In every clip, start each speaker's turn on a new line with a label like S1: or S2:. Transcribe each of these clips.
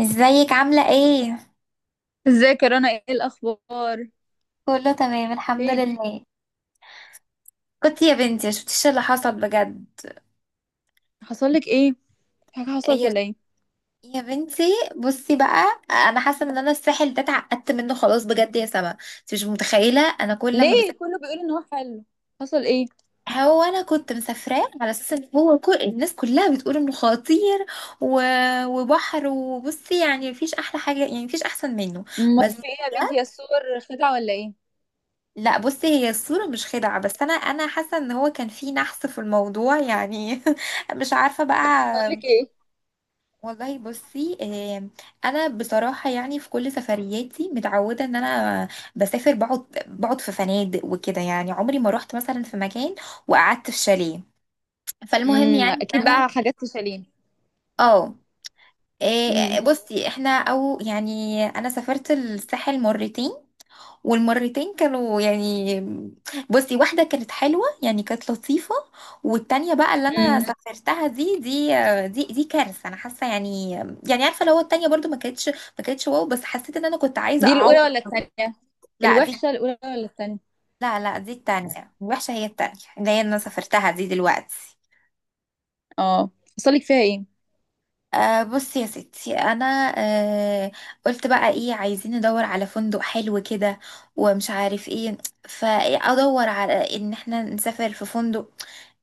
S1: ازيك عاملة ايه؟
S2: ازيك يا رنا؟ ايه الاخبار؟
S1: كله تمام الحمد
S2: فين؟
S1: لله. كنت يا بنتي ما شفتيش اللي حصل بجد.
S2: حصل لك ايه؟ في حاجه حصلت
S1: يا
S2: ولا ايه؟
S1: يا بنتي، بصي بقى انا حاسة ان انا الساحل ده اتعقدت منه خلاص بجد يا سما. انت مش متخيلة انا كل لما بسافر.
S2: ليه كله بيقول ان هو حلو؟ حصل ايه؟
S1: هو انا كنت مسافراه على اساس ان هو كل الناس كلها بتقول انه خطير و... وبحر. وبصي، يعني مفيش احلى حاجة، يعني مفيش احسن منه.
S2: امال
S1: بس
S2: في ايه يا
S1: بجد
S2: بنتي؟ يا الصور خدعه ولا ايه؟
S1: لا. بصي هي الصورة مش خدعة، بس أنا حاسة إن هو كان في نحس في الموضوع يعني. مش عارفة بقى.
S2: حصل لك ايه؟
S1: والله بصي، أنا بصراحة، يعني في كل سفرياتي متعودة إن أنا بسافر بقعد في فنادق وكده. يعني عمري ما روحت مثلا في مكان وقعدت في شاليه. فالمهم يعني
S2: اكيد
S1: إن
S2: بقى
S1: أنا
S2: حاجات تشالين.
S1: اه،
S2: امم.
S1: بصي احنا، او يعني انا سافرت الساحل مرتين. والمرتين كانوا يعني، بصي واحدة كانت حلوة يعني كانت لطيفة. والتانية بقى اللي أنا
S2: امم.
S1: سافرتها دي كارثة، أنا حاسة يعني. يعني عارفة لو التانية برضو ما كانتش واو، بس حسيت إن أنا كنت عايزة
S2: دي
S1: أعوض.
S2: الاولى ولا الثانيه؟
S1: لا دي.
S2: الوحشه الاولى ولا الثانيه؟
S1: لا لا دي التانية وحشة، هي التانية اللي هي أنا سافرتها دي دلوقتي.
S2: اه. حصل لك فيها ايه؟
S1: أه بصي يا ستي، انا أه قلت بقى ايه، عايزين ندور على فندق حلو كده ومش عارف ايه، فادور على ان احنا نسافر في فندق.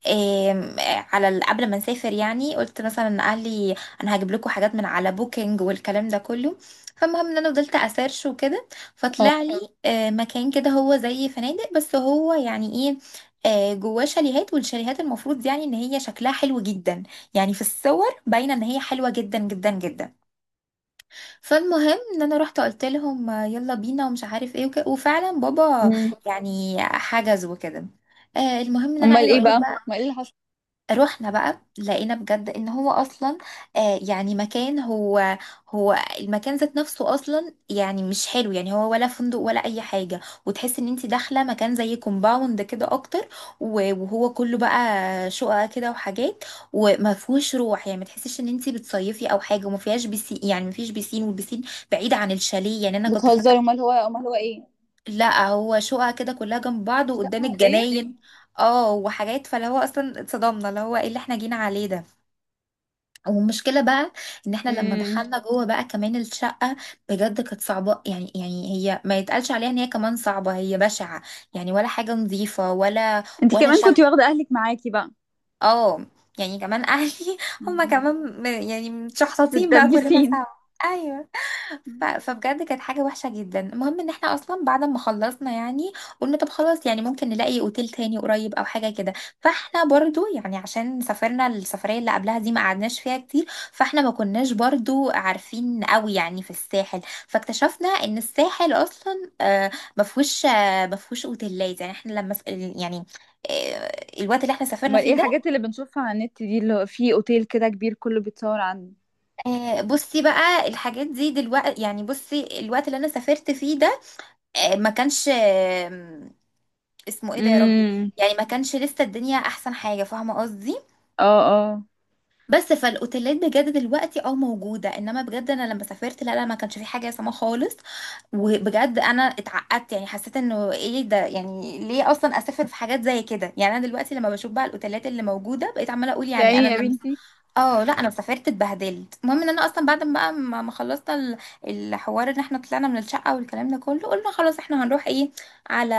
S1: آم، على قبل ما نسافر يعني قلت مثلا اهلي انا هجيب لكم حاجات من على بوكينج والكلام ده كله. فالمهم ان انا فضلت اسيرش وكده.
S2: اه.
S1: فطلع لي مكان كده هو زي فنادق، بس هو يعني ايه، جواه شاليهات. والشاليهات المفروض يعني ان هي شكلها حلو جدا. يعني في الصور باينه ان هي حلوه جدا جدا جدا. فالمهم ان انا رحت قلت لهم، يلا بينا ومش عارف ايه وفعلا بابا
S2: امم.
S1: يعني حجز وكده. آه المهم ان انا
S2: امال
S1: عايزه
S2: ايه
S1: اقول
S2: بقى؟ امال
S1: لك اه،
S2: ايه اللي حصل؟
S1: رحنا بقى لقينا بجد ان هو اصلا، يعني مكان، هو المكان ذات نفسه اصلا يعني مش حلو، يعني هو ولا فندق ولا اي حاجه. وتحس ان انت داخله مكان زي كومباوند كده اكتر. وهو كله بقى شقق كده وحاجات، وما فيهوش روح. يعني ما تحسيش ان انت بتصيفي او حاجه، وما فيهاش بيسين. يعني ما فيش بيسين، والبيسين بعيد عن الشاليه. يعني انا كنت
S2: بتهزري؟
S1: فاكره.
S2: امال هو، امال هو ايه؟
S1: لا هو شقق كده كلها جنب بعض
S2: شقه
S1: وقدام
S2: عاديه؟
S1: الجناين. اه وحاجات، فاللي هو اصلا اتصدمنا اللي هو ايه اللي احنا جينا عليه ده. والمشكلة بقى ان احنا لما
S2: امم.
S1: دخلنا جوه بقى كمان الشقة، بجد كانت صعبة. يعني يعني هي ما يتقالش عليها ان هي كمان صعبة، هي بشعة. يعني ولا حاجة نظيفة ولا
S2: انت
S1: ولا
S2: كمان كنتي
S1: شقة.
S2: واخده اهلك معاكي بقى؟
S1: اه، يعني كمان اهلي هما
S2: مم.
S1: كمان يعني متشحططين بقى كلنا
S2: بتدبسين؟
S1: سوا. ايوه. فبجد كانت حاجة وحشة جدا. المهم ان احنا اصلا بعد ما خلصنا يعني، قلنا طب خلاص يعني ممكن نلاقي اوتيل تاني قريب او حاجة كده. فاحنا برضو يعني عشان سافرنا السفرية اللي قبلها دي ما قعدناش فيها كتير. فاحنا ما كناش برضو عارفين قوي يعني في الساحل. فاكتشفنا ان الساحل اصلا ما فيهوش، ما فيهوش اوتيلات. يعني احنا لما يعني، آه، الوقت اللي احنا سافرنا
S2: امال ايه
S1: فيه ده،
S2: الحاجات اللي بنشوفها على النت دي اللي هو في اوتيل كده كبير كله بيتصور عنه؟
S1: بصي بقى الحاجات دي دلوقتي، يعني بصي الوقت اللي انا سافرت فيه ده، ما كانش، اسمه ايه ده يا ربي.
S2: امم.
S1: يعني ما كانش لسه الدنيا احسن حاجه، فاهمه قصدي.
S2: اه، اه.
S1: بس فالاوتيلات بجد دلوقتي اه موجوده. انما بجد انا لما سافرت لا لا ما كانش في حاجه سما خالص. وبجد انا اتعقدت، يعني حسيت انه ايه ده، يعني ليه اصلا اسافر في حاجات زي كده. يعني انا دلوقتي لما بشوف بقى الاوتيلات اللي موجوده بقيت عماله اقول
S2: يا
S1: يعني
S2: عيني
S1: انا
S2: يا
S1: لما،
S2: بنتي.
S1: اه لا انا سافرت اتبهدلت. المهم ان انا اصلا بعد ما بقى ما خلصنا الحوار، ان احنا طلعنا من الشقه والكلام ده كله. قلنا خلاص احنا هنروح ايه، على،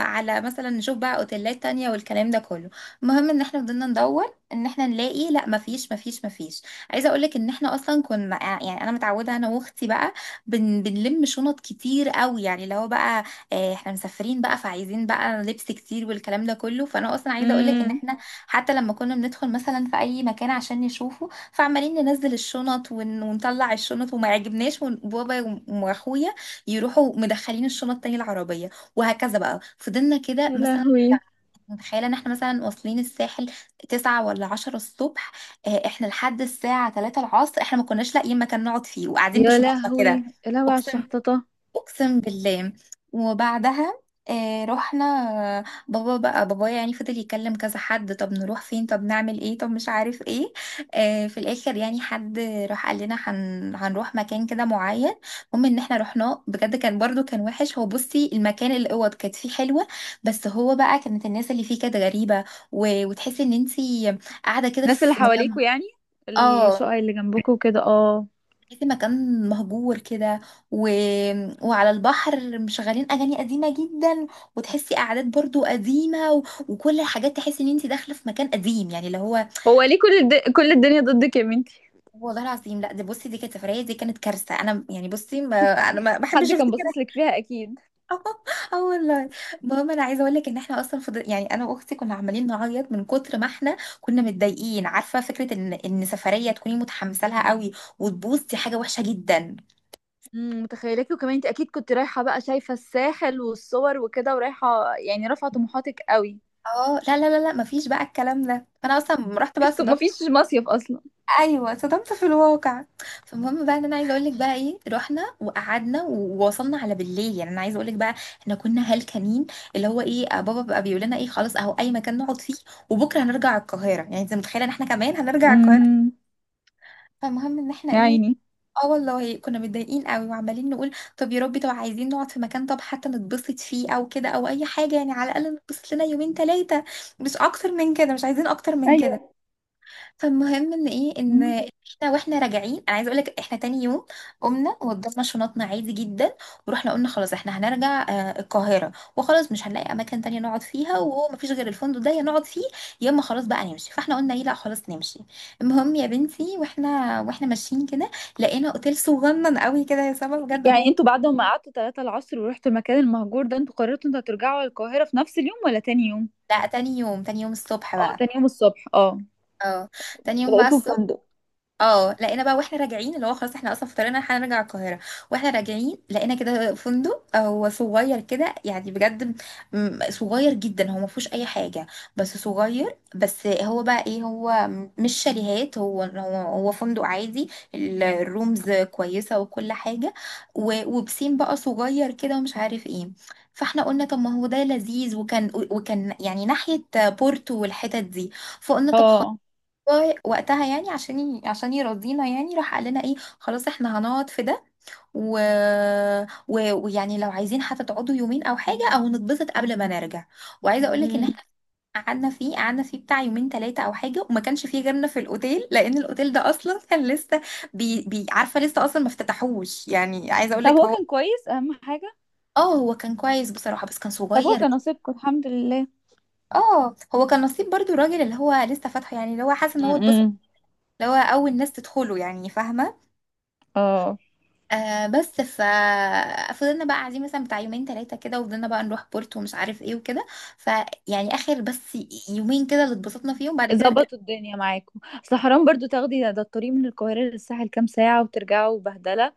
S1: على مثلا نشوف بقى اوتيلات تانية والكلام ده كله. المهم ان احنا فضلنا ندور ان احنا نلاقي، لا مفيش مفيش مفيش. عايزه اقول لك ان احنا اصلا كنا، يعني انا متعوده انا واختي بقى بنلم شنط كتير قوي. يعني اللي هو بقى، احنا مسافرين بقى فعايزين بقى لبس كتير والكلام ده كله. فانا اصلا عايزه اقول لك ان
S2: امم.
S1: احنا حتى لما كنا بندخل مثلا في اي مكان عشان نشوفه، فعمالين ننزل الشنط ونطلع الشنط وما يعجبناش. وبابا واخويا يروحوا مدخلين الشنط تاني العربيه. وهكذا بقى فضلنا كده
S2: يا
S1: مثلا،
S2: لهوي.
S1: متخيله ان احنا مثلا واصلين الساحل 9 ولا 10 الصبح، احنا لحد الساعه 3 العصر احنا ما كناش لاقيين مكان نقعد فيه وقاعدين
S2: يا
S1: بشنطنا
S2: لهوي.
S1: كده.
S2: يا لهوي على
S1: اقسم،
S2: الشحططة.
S1: اقسم بالله. وبعدها آه رحنا. بابا بقى بابايا يعني فضل يكلم كذا حد. طب نروح فين، طب نعمل ايه، طب مش عارف ايه. آه في الاخر يعني حد راح قال لنا هنروح مكان كده معين. المهم ان احنا رحناه بجد كان برضو كان وحش. هو بصي المكان الاوض كانت فيه حلوة، بس هو بقى كانت الناس اللي فيه كانت غريبة. وتحسي ان انتي قاعدة كده
S2: الناس اللي
S1: في مكان،
S2: حواليكوا يعني، الشقق
S1: اه
S2: اللي جنبكوا وكده؟ اه.
S1: تحسي مكان مهجور كده و... وعلى البحر مشغلين اغاني قديمه جدا. وتحسي قعدات برضو قديمه وكل الحاجات تحسي ان انت داخله في مكان قديم، يعني اللي هو
S2: هو ليه كل الدنيا ضدك يا بنتي؟
S1: والله العظيم لا دي. بصي دي كانت سفريه، دي كانت كارثه. انا يعني بصي ما... انا ما بحبش
S2: حد كان
S1: افتكرها.
S2: باصص لك فيها اكيد.
S1: اه والله. المهم انا عايزه اقول لك ان احنا اصلا يعني انا واختي كنا عمالين نعيط من كتر ما احنا كنا متضايقين. عارفه فكره ان ان سفريه تكوني متحمسه لها قوي وتبوظ، دي حاجه وحشه جدا.
S2: امم. متخيلاكي. وكمان انت اكيد كنت رايحه بقى شايفه الساحل والصور وكده، ورايحه يعني رافعه طموحاتك قوي.
S1: اه لا لا لا لا مفيش بقى الكلام ده. فانا اصلا لما رحت بقى
S2: مفيش،
S1: صدمت.
S2: مفيش مصيف اصلا؟
S1: ايوه صدمت في الواقع. فالمهم بقى ان انا عايزه اقول لك بقى ايه، رحنا وقعدنا ووصلنا على بالليل. يعني انا عايزه اقول لك بقى احنا كنا هلكانين. اللي هو ايه بابا بقى بيقول لنا ايه، خلاص اهو اي مكان نقعد فيه، وبكره هنرجع القاهره. يعني انت متخيله ان احنا كمان هنرجع القاهره.
S2: امم.
S1: فالمهم ان احنا
S2: يا
S1: ايه،
S2: عيني.
S1: اه والله كنا متضايقين قوي وعمالين نقول طب يا ربي، طب عايزين نقعد في مكان، طب حتى نتبسط فيه او كده او اي حاجه. يعني على الاقل نتبسط لنا يومين 3، مش اكتر من كده مش عايزين اكتر من كده.
S2: ايوه.
S1: فالمهم ان ايه، ان احنا راجعين. انا عايزه اقول لك احنا تاني يوم قمنا وضفنا شنطنا عادي جدا. ورحنا قلنا خلاص احنا هنرجع القاهره. وخلاص مش هنلاقي اماكن تانية نقعد فيها، وهو مفيش غير الفندق ده، يا نقعد فيه يا اما خلاص بقى نمشي. فاحنا قلنا ايه، لا خلاص نمشي. المهم يا بنتي واحنا ماشيين كده، لقينا اوتيل صغنن قوي كده يا سما بجد.
S2: يعني
S1: هو
S2: انتوا بعد ما قعدتوا 3 العصر ورحتوا المكان المهجور ده، انتوا قررتوا انتوا هترجعوا القاهرة في نفس اليوم ولا تاني يوم؟
S1: لا تاني يوم، تاني يوم الصبح
S2: اه،
S1: بقى.
S2: تاني يوم الصبح؟ اه.
S1: اه تاني يوم بقى
S2: لقيته
S1: الصبح.
S2: فندق؟
S1: اه لقينا بقى واحنا راجعين. اللي هو خلاص احنا اصلا في طريقنا هنرجع القاهره. واحنا راجعين لقينا كده فندق، هو صغير كده يعني بجد، صغير جدا، هو ما فيهوش اي حاجه، بس صغير. بس هو بقى ايه، هو مش شاليهات، هو فندق عادي. الرومز كويسه وكل حاجه. وبسين بقى صغير كده ومش عارف ايه. فاحنا قلنا طب ما هو ده لذيذ، وكان وكان يعني ناحيه بورتو والحتت دي. فقلنا طب،
S2: اه.
S1: والله وقتها يعني عشان عشان يرضينا يعني، راح قال لنا ايه خلاص احنا هنقعد في ده. و... ويعني لو عايزين حتى تقعدوا يومين او حاجه او نتبسط قبل ما نرجع. وعايزه اقول لك ان احنا
S2: امم.
S1: قعدنا فيه، قعدنا فيه بتاع يومين 3 او حاجه. وما كانش فيه غيرنا في الاوتيل، لان الاوتيل ده اصلا كان لسه عارفه لسه اصلا ما افتتحوش. يعني عايزه اقول
S2: طب
S1: لك
S2: هو
S1: هو،
S2: كان كويس اهم حاجة.
S1: اه هو كان كويس بصراحه بس كان
S2: طب هو
S1: صغير.
S2: كان نصيبكم الحمد لله.
S1: اه هو كان نصيب برضو. الراجل اللي هو لسه فاتحه يعني اللي هو حاسس ان هو اتبسط،
S2: امم.
S1: اللي هو اول ناس تدخله يعني فاهمه.
S2: اه.
S1: آه بس فضلنا بقى قاعدين مثلا بتاع يومين 3 كده. وفضلنا بقى نروح بورتو ومش عارف ايه وكده. فيعني اخر بس يومين كده اللي اتبسطنا فيهم بعد كده رجعنا.
S2: ظبطوا الدنيا معاكم. اصل حرام برضو تاخدي ده، الطريق من القاهرة للساحل كام ساعة وترجعوا بهدلة.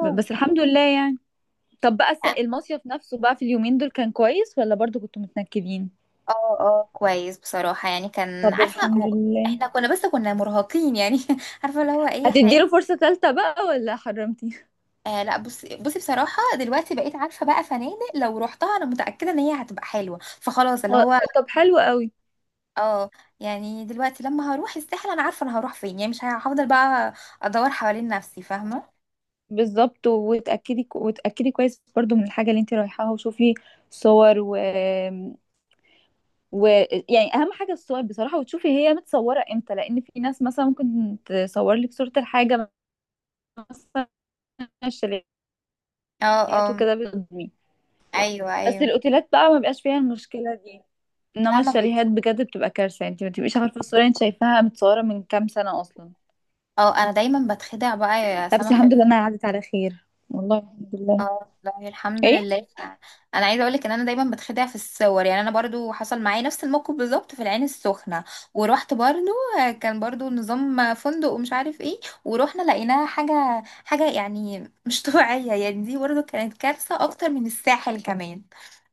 S2: بس الحمد لله يعني. طب بقى المصيف نفسه بقى في اليومين دول كان كويس ولا برضو كنتوا متنكدين؟
S1: اه. اه كويس بصراحة يعني كان
S2: طب
S1: عارفة
S2: الحمد
S1: هو-
S2: لله.
S1: احنا كنا بس كنا مرهقين يعني. عارفة اللي هو ايه احنا
S2: هتديله
S1: ايه.
S2: فرصة تالتة بقى ولا حرمتي؟
S1: آه لا بصي بصي بصراحة دلوقتي بقيت عارفة بقى فنادق لو رحتها انا متأكدة ان هي هتبقى حلوة. فخلاص اللي
S2: هو-
S1: هو
S2: طب حلو قوي.
S1: اه، يعني دلوقتي لما هروح الساحل انا عارفة انا هروح فين. يعني مش هفضل بقى ادور حوالين نفسي فاهمة.
S2: بالظبط. وتأكدي كويس برضو من الحاجة اللي انت رايحاها، وشوفي صور و... و يعني اهم حاجة الصور بصراحة، وتشوفي هي متصورة امتى، لان في ناس مثلا ممكن تصور لك صورة الحاجة، مثلا الشاليهات،
S1: اه اه
S2: وكده بتضمين.
S1: ايوه
S2: بس
S1: ايوه
S2: الاوتيلات بقى ما بيبقاش فيها المشكلة دي، انما
S1: فاهمة. مم. بيك.
S2: الشاليهات بجد بتبقى كارثة. انت ما بتبقيش عارفة الصورة انت شايفاها متصورة من كام سنة اصلا.
S1: اه انا دايما بتخدع بقى يا
S2: لا بس
S1: سما في
S2: الحمد لله انها عدت على خير، والله الحمد لله.
S1: اه والله الحمد
S2: ايه؟
S1: لله انا عايزه اقولك ان انا دايما بتخدع في الصور. يعني انا برضو حصل معايا نفس الموقف بالظبط في العين السخنه. ورحت برضو، كان برضو نظام فندق ومش عارف ايه. ورحنا لقيناها حاجه حاجه يعني مش طبيعيه، يعني دي برضو كانت كارثه اكتر من الساحل كمان.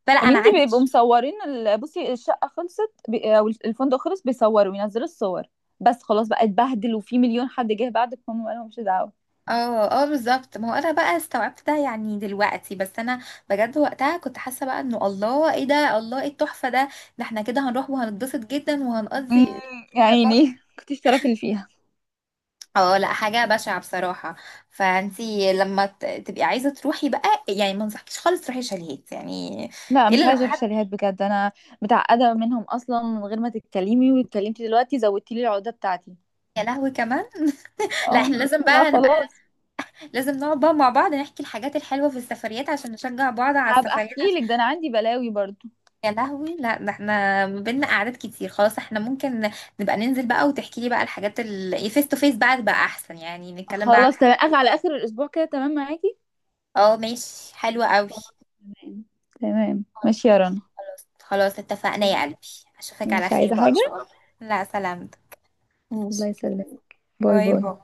S1: فلا
S2: يا
S1: انا
S2: بنتي
S1: عندي
S2: بيبقوا مصورين بصي الشقه خلصت، او الفندق خلص، بيصوروا وينزلوا الصور. بس خلاص بقى اتبهدل، وفي مليون حد جه بعدك، هم قالوا مش دعوه.
S1: اه اه بالظبط. ما هو انا بقى استوعبت ده يعني دلوقتي، بس انا بجد وقتها كنت حاسه بقى انه الله ايه ده، الله ايه التحفه ده، ده احنا كده هنروح وهنتبسط جدا
S2: امم.
S1: وهنقضي.
S2: يا عيني كنتش تعرفي اللي فيها.
S1: اه لا حاجه بشعه بصراحه. فانتي لما تبقي عايزه تروحي بقى، يعني ما انصحكيش خالص تروحي شاليهات، يعني
S2: لا
S1: الا
S2: مش
S1: لو
S2: عايزه اروح
S1: حد.
S2: شاليهات بجد انا، متعقده منهم اصلا. من غير ما تتكلمي، واتكلمتي دلوقتي زودتي لي العقده بتاعتي.
S1: يا لهوي كمان، لا
S2: اه.
S1: احنا لازم
S2: لا
S1: بقى نبقى،
S2: خلاص.
S1: لازم نقعد بقى مع بعض نحكي الحاجات الحلوه في السفريات عشان نشجع بعض على
S2: هبقى
S1: السفريات.
S2: احكي لك، ده انا عندي بلاوي برضو.
S1: يا لهوي، لا ده احنا ما بينا قعدات كتير. خلاص احنا ممكن نبقى ننزل بقى وتحكي لي بقى الحاجات ال فيس تو فيس بقى احسن، يعني نتكلم بقى عن
S2: خلاص
S1: حاجة.
S2: تمام. أخ، على اخر الاسبوع كده تمام معاكي.
S1: اه ماشي حلوة قوي.
S2: خلاص، تمام. تمام. ماشي يا رنا.
S1: خلاص اتفقنا يا قلبي. اشوفك على
S2: ماشي،
S1: خير
S2: عايزه
S1: بقى ان شاء
S2: حاجه؟
S1: الله. لا سلامتك.
S2: الله يسلمك. باي
S1: باي
S2: باي.
S1: باي.